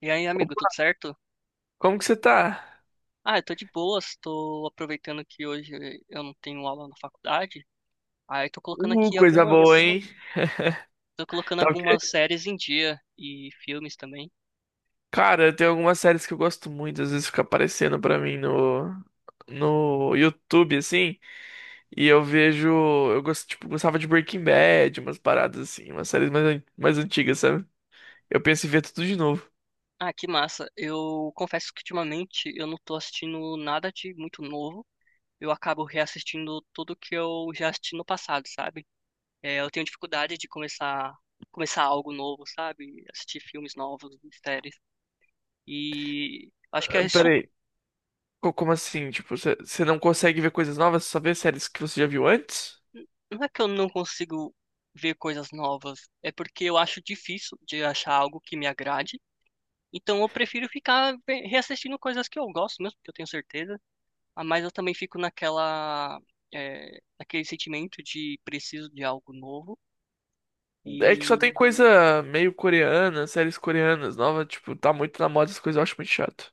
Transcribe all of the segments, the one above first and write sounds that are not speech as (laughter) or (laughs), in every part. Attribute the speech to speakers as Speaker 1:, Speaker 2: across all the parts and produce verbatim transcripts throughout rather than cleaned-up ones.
Speaker 1: E aí, amigo, tudo
Speaker 2: Opa,
Speaker 1: certo?
Speaker 2: como que você tá?
Speaker 1: Ah, eu tô de boas, tô aproveitando que hoje eu não tenho aula na faculdade. Aí tô colocando
Speaker 2: Uh,
Speaker 1: aqui
Speaker 2: coisa boa,
Speaker 1: algumas,
Speaker 2: hein?
Speaker 1: tô colocando
Speaker 2: Tá o quê?
Speaker 1: algumas séries em dia e filmes também.
Speaker 2: Cara, tem algumas séries que eu gosto muito, às vezes fica aparecendo pra mim no no YouTube assim, e eu vejo, eu gosto, tipo, gostava de Breaking Bad, umas paradas assim, umas séries mais an- mais antigas, sabe? Eu penso em ver tudo de novo.
Speaker 1: Ah, que massa. Eu confesso que ultimamente eu não tô assistindo nada de muito novo. Eu acabo reassistindo tudo que eu já assisti no passado, sabe? É, eu tenho dificuldade de começar começar algo novo, sabe? Assistir filmes novos, séries. E acho que é
Speaker 2: Ah,
Speaker 1: isso.
Speaker 2: peraí, co- como assim? Tipo, você você não consegue ver coisas novas, só vê séries que você já viu antes?
Speaker 1: Não é que eu não consigo ver coisas novas, é porque eu acho difícil de achar algo que me agrade. Então eu prefiro ficar ve- reassistindo coisas que eu gosto mesmo, que eu tenho certeza. Ah, mas eu também fico naquela, é, naquele sentimento de preciso de algo novo.
Speaker 2: É que só tem
Speaker 1: E
Speaker 2: coisa meio coreana, séries coreanas novas, tipo, tá muito na moda essas coisas, eu acho muito chato.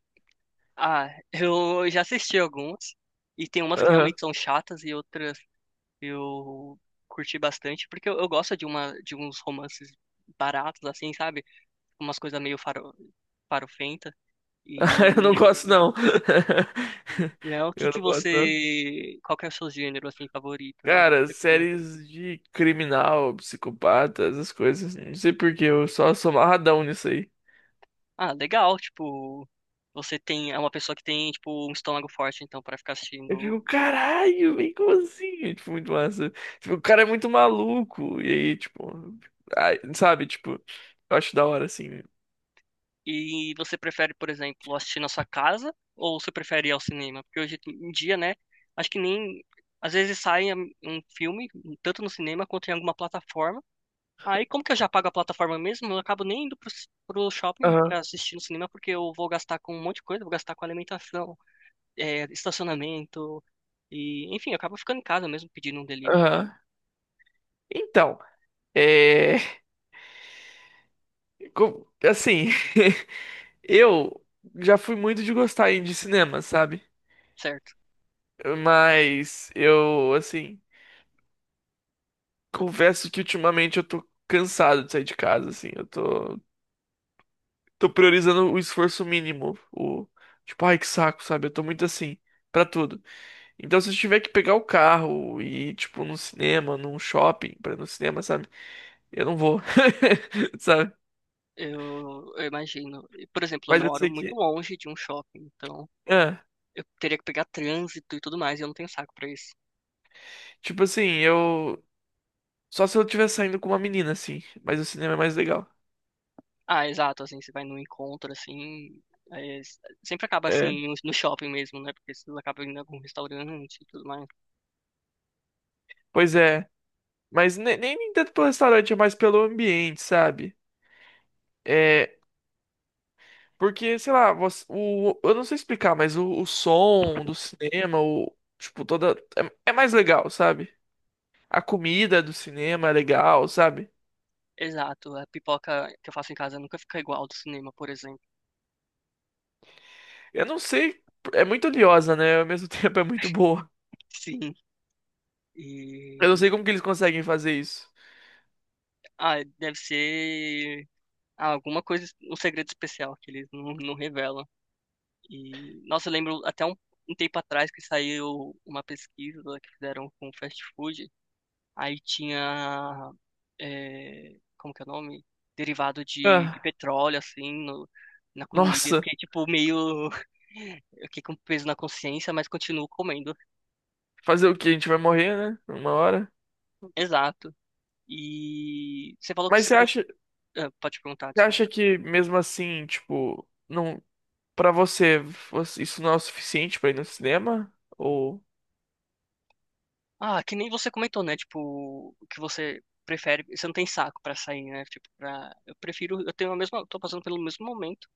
Speaker 1: ah, (laughs) eu já assisti algumas, e tem umas que realmente são chatas e outras eu curti bastante porque eu, eu gosto de uma de uns romances baratos assim, sabe? Umas coisas meio faro, farofentas.
Speaker 2: (laughs) Eu
Speaker 1: E,
Speaker 2: não gosto, não. (laughs)
Speaker 1: né, o que
Speaker 2: Eu
Speaker 1: que
Speaker 2: não gosto, não.
Speaker 1: você, qual que é o seu gênero, assim, favorito, assim, que
Speaker 2: Cara,
Speaker 1: você costuma-
Speaker 2: séries de criminal, psicopata, essas coisas. Não sei por quê, eu só sou amarradão nisso aí.
Speaker 1: Ah, legal, tipo, você tem, é uma pessoa que tem, tipo, um estômago forte, então, pra ficar
Speaker 2: Eu
Speaker 1: assistindo.
Speaker 2: fico, caralho, vem como assim? É, tipo, muito massa. Tipo, o cara é muito maluco. E aí, tipo, ai, sabe, tipo, eu acho da hora, assim.
Speaker 1: E você prefere, por exemplo, assistir na sua casa ou você prefere ir ao cinema? Porque hoje em dia, né, acho que nem, às vezes sai um um filme, tanto no cinema quanto em alguma plataforma. Aí, como que eu já pago a plataforma mesmo, eu acabo nem indo pro, c- pro shopping
Speaker 2: Aham,
Speaker 1: pra assistir no cinema, porque eu vou gastar com um monte de coisa, vou gastar com alimentação. É, estacionamento e, enfim, eu acabo ficando em casa mesmo pedindo um delivery,
Speaker 2: aham. Então, é. co- Assim, (laughs) eu já fui muito de gostar de cinema, sabe?
Speaker 1: certo?
Speaker 2: Mas eu, assim, confesso que ultimamente eu tô cansado de sair de casa, assim. Eu tô, tô priorizando o esforço mínimo. O, tipo, ai, que saco, sabe? Eu tô muito assim, pra tudo. Então, se eu tiver que pegar o carro e ir, tipo, num cinema, num shopping, pra ir no cinema, sabe? Eu não vou, (laughs) sabe?
Speaker 1: Eu, eu imagino. E, por exemplo, eu
Speaker 2: Mas eu
Speaker 1: moro
Speaker 2: sei
Speaker 1: muito
Speaker 2: que.
Speaker 1: longe de um shopping, então
Speaker 2: Ah,
Speaker 1: eu teria que pegar trânsito e tudo mais, e eu não tenho saco pra isso.
Speaker 2: tipo assim, eu. Só se eu estiver saindo com uma menina, assim. Mas o cinema é mais legal.
Speaker 1: Ah, exato, assim, você vai num encontro, assim, é, s- sempre acaba
Speaker 2: É.
Speaker 1: assim no no shopping mesmo, né? Porque você acaba indo em algum restaurante e tudo mais.
Speaker 2: Pois é. Mas ne- nem, nem tanto pelo restaurante, é mais pelo ambiente, sabe? É, porque, sei lá, você- o, eu não sei explicar, mas o, o som do cinema, o, tipo, toda. É, é mais legal, sabe? A comida do cinema é legal, sabe?
Speaker 1: Exato, a pipoca que eu faço em casa nunca fica igual ao do cinema, por exemplo.
Speaker 2: Eu não sei, é muito oleosa, né? Ao mesmo (laughs) tempo é muito boa.
Speaker 1: Sim.
Speaker 2: Eu
Speaker 1: E
Speaker 2: não sei como que eles conseguem fazer isso.
Speaker 1: ah, deve ser alguma coisa, um segredo especial que eles não, não revelam. E, nossa, eu lembro até um, um tempo atrás que saiu uma pesquisa que fizeram com fast food. Aí tinha, é, como que é o nome? Derivado de, de
Speaker 2: Ah,
Speaker 1: petróleo, assim, no, na comida. Eu
Speaker 2: nossa,
Speaker 1: fiquei, tipo, meio... (laughs) Eu fiquei com peso na consciência, mas continuo comendo.
Speaker 2: fazer o quê? A gente vai morrer, né? Uma hora.
Speaker 1: Exato. E você falou que
Speaker 2: Mas
Speaker 1: você...
Speaker 2: você
Speaker 1: cur-
Speaker 2: acha,
Speaker 1: ah, pode perguntar,
Speaker 2: você
Speaker 1: desculpa.
Speaker 2: acha que mesmo assim, tipo. Não. Pra você, você- isso não é o suficiente pra ir no cinema? Ou.
Speaker 1: Ah, que nem você comentou, né? Tipo, que você prefere, você não tem saco pra sair, né? Tipo, pra, eu prefiro, eu tenho a mesma, tô passando pelo mesmo momento.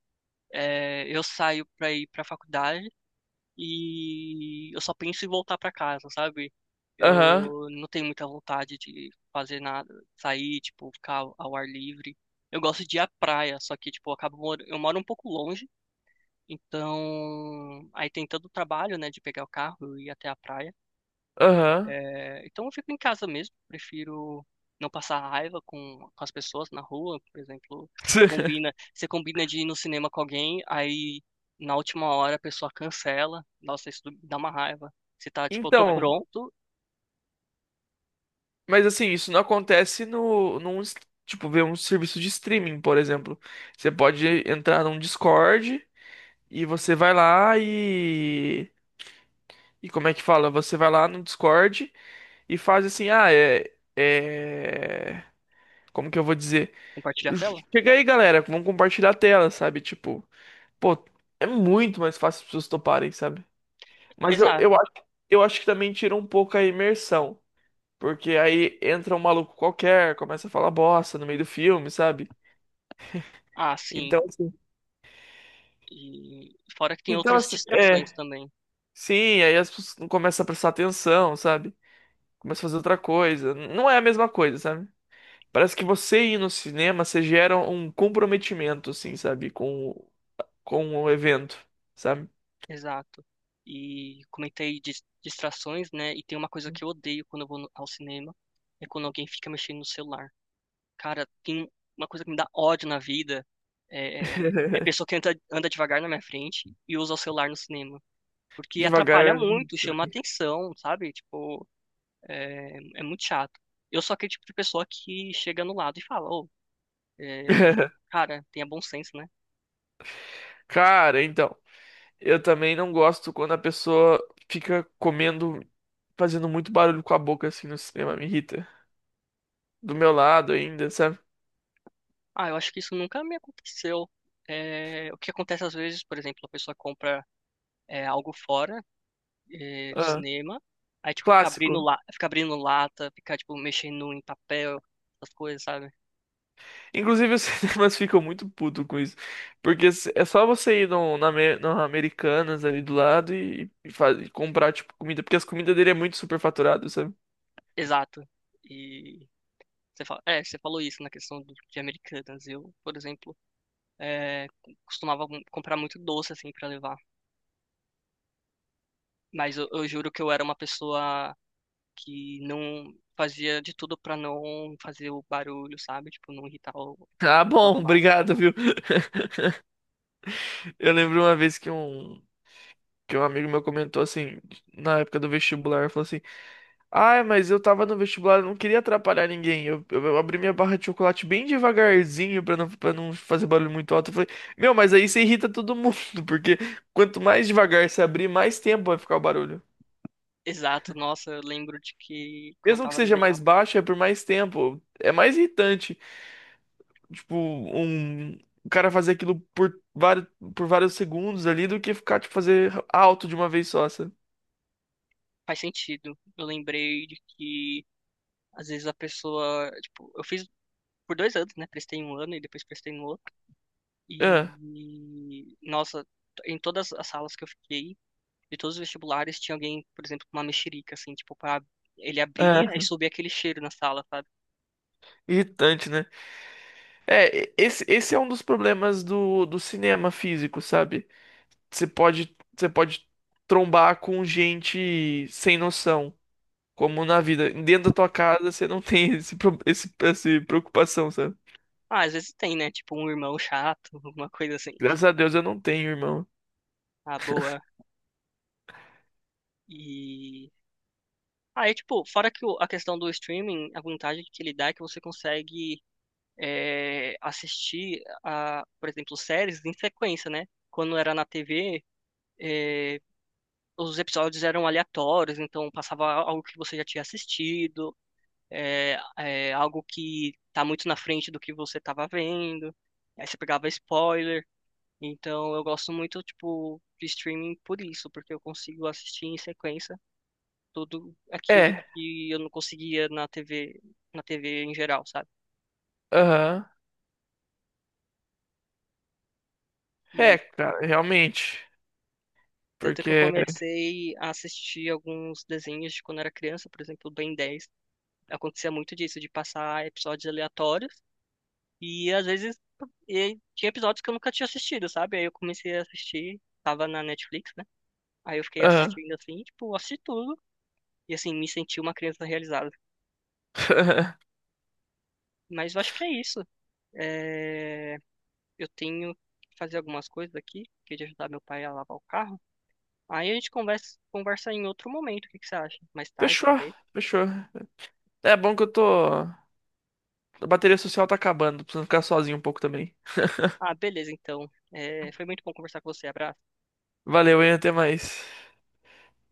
Speaker 1: É, eu saio pra ir pra faculdade e eu só penso em voltar pra casa, sabe?
Speaker 2: Aham,
Speaker 1: Eu não tenho muita vontade de fazer nada, sair, tipo, ficar ao ao ar livre. Eu gosto de ir à praia, só que, tipo, eu acabo, mor- eu moro um pouco longe, então aí tem todo o trabalho, né, de pegar o carro e ir até a praia.
Speaker 2: aham.
Speaker 1: É, então eu fico em casa mesmo, prefiro não passar raiva com, com as pessoas na rua. Por exemplo, você combina,
Speaker 2: (laughs)
Speaker 1: você combina de ir no cinema com alguém, aí na última hora a pessoa cancela, nossa, isso dá uma raiva. Você tá tipo, eu tô
Speaker 2: Então,
Speaker 1: pronto,
Speaker 2: mas assim, isso não acontece no, num, s- tipo, ver um serviço de streaming, por exemplo. Você pode entrar num Discord e você vai lá e. E como é que fala? Você vai lá no Discord e faz assim, ah, é. É. Como que eu vou dizer?
Speaker 1: compartilha a tela?
Speaker 2: Chega aí, galera, vamos compartilhar a tela, sabe? Tipo, pô, é muito mais fácil as pessoas toparem, sabe? Mas eu, eu
Speaker 1: Exato.
Speaker 2: acho, eu acho que também tira um pouco a imersão. Porque aí entra um maluco qualquer, começa a falar bosta no meio do filme, sabe?
Speaker 1: Ah, sim.
Speaker 2: Então, assim,
Speaker 1: E fora que tem
Speaker 2: então,
Speaker 1: outras
Speaker 2: assim,
Speaker 1: distrações
Speaker 2: é.
Speaker 1: também.
Speaker 2: Sim, aí as pessoas não começam a prestar atenção, sabe? Começam a fazer outra coisa. Não é a mesma coisa, sabe? Parece que você ir no cinema, você gera um comprometimento, assim, sabe? Com, o- com o evento, sabe?
Speaker 1: Exato. E comentei dis- distrações, né? E tem uma coisa que eu odeio quando eu vou no- ao cinema, é quando alguém fica mexendo no celular. Cara, tem uma coisa que me dá ódio na vida é, é
Speaker 2: (laughs)
Speaker 1: pessoa que anda, anda devagar na minha frente e usa o celular no cinema. Porque atrapalha
Speaker 2: Devagar.
Speaker 1: muito, chama atenção, sabe? Tipo, é, é muito chato. Eu sou aquele tipo de pessoa que chega no lado e fala, ô, é,
Speaker 2: (laughs)
Speaker 1: cara, tenha bom senso, né?
Speaker 2: Cara, então. Eu também não gosto quando a pessoa fica comendo, fazendo muito barulho com a boca assim no cinema, me irrita. Do meu lado ainda, sabe?
Speaker 1: Ah, eu acho que isso nunca me aconteceu. É, o que acontece às vezes, por exemplo, a pessoa compra é, algo fora é, do
Speaker 2: Ah,
Speaker 1: cinema. Aí, tipo, ficar abrindo,
Speaker 2: clássico.
Speaker 1: la... ficar abrindo lata, ficar, tipo, mexendo em papel, essas coisas, sabe?
Speaker 2: Inclusive os (laughs) cinemas ficam muito putos com isso. Porque s- é só você ir no, na, Ame- no Americanas ali do lado e, e fa- e comprar, tipo, comida. Porque as comidas dele é muito superfaturado, sabe?
Speaker 1: Exato. E você fala... é, você falou isso na questão do- de americanas. Eu, por exemplo, é, costumava m- comprar muito doce, assim, pra levar. Mas eu, eu juro que eu era uma pessoa que não fazia de tudo pra não fazer o barulho, sabe? Tipo, não irritar o...
Speaker 2: Ah,
Speaker 1: as pessoas
Speaker 2: bom, (laughs)
Speaker 1: ao lado.
Speaker 2: obrigado, viu? Eu lembro uma vez que um, que um amigo meu comentou assim, na época do vestibular, falou assim. Ai, mas eu tava no vestibular, eu não queria atrapalhar ninguém. Eu, eu- eu abri minha barra de chocolate bem devagarzinho pra não, pra não fazer barulho muito alto. Eu falei, meu, mas aí você irrita todo mundo, (laughs) porque quanto mais devagar você abrir, mais tempo vai ficar o barulho.
Speaker 1: Exato, nossa, eu lembro de que quando eu
Speaker 2: Mesmo que
Speaker 1: tava no
Speaker 2: seja
Speaker 1: vesti-
Speaker 2: mais baixo, é por mais tempo. É mais irritante, tipo, um, o cara fazer aquilo por vários, por vários segundos ali do que ficar, tipo, fazer alto de uma vez só, sabe?
Speaker 1: Faz sentido. Eu lembrei de que às vezes a pessoa, tipo, eu fiz por dois anos, né? Prestei um ano e depois prestei no outro.
Speaker 2: É,
Speaker 1: E, nossa, em todas as salas que eu fiquei, de todos os vestibulares, tinha alguém, por exemplo, com uma mexerica, assim, tipo, pra... ele abria e
Speaker 2: é,
Speaker 1: subia aquele cheiro na sala, sabe?
Speaker 2: irritante, né? É, esse, esse é um dos problemas do, do cinema físico, sabe? Você pode, você pode trombar com gente sem noção, como na vida. Dentro da tua casa você não (laughs) tem esse, pro- esse, essa preocupação, sabe?
Speaker 1: Ah, às vezes tem, né? Tipo, um irmão (laughs) chato, alguma coisa assim.
Speaker 2: Graças a Deus eu não tenho, irmão.
Speaker 1: Ah, boa. E ah, é tipo, fora que o- a questão do streaming, a vantagem que ele dá é que você consegue é, assistir, a, por exemplo, séries em sequência, né? Quando era na tê vê, é, os episódios eram aleatórios, então passava algo que você já tinha assistido, é, é, algo que tá muito na frente do que você tava vendo. Aí você pegava spoiler. Então eu gosto muito, tipo, de streaming por isso, porque eu consigo assistir em sequência tudo aquilo
Speaker 2: É,
Speaker 1: que eu não conseguia na tê vê, na tê vê em geral, sabe?
Speaker 2: aham. É,
Speaker 1: E
Speaker 2: cara, realmente.
Speaker 1: tanto que eu
Speaker 2: Porque.
Speaker 1: comecei a assistir alguns desenhos de quando era criança, por exemplo, Ben dez. Acontecia muito disso, de passar episódios aleatórios. E às vezes e tinha episódios que eu nunca tinha assistido, sabe? Aí eu comecei a assistir, tava na Netflix, né? Aí eu fiquei
Speaker 2: Aham.
Speaker 1: assistindo assim, tipo, assisti tudo. E assim, me senti uma criança realizada.
Speaker 2: (laughs)
Speaker 1: Mas eu acho que é isso. É... eu tenho que fazer algumas coisas aqui, que é de ajudar meu pai a lavar o carro. Aí a gente conversa, conversa em outro momento, o que que você acha? Mais tarde,
Speaker 2: Fechou,
Speaker 1: talvez.
Speaker 2: fechou. É bom que eu tô. A bateria social tá acabando, preciso ficar sozinho um pouco também.
Speaker 1: Ah, beleza, então. É... foi muito bom conversar com você. Abraço.
Speaker 2: Valeu, hein? Até mais.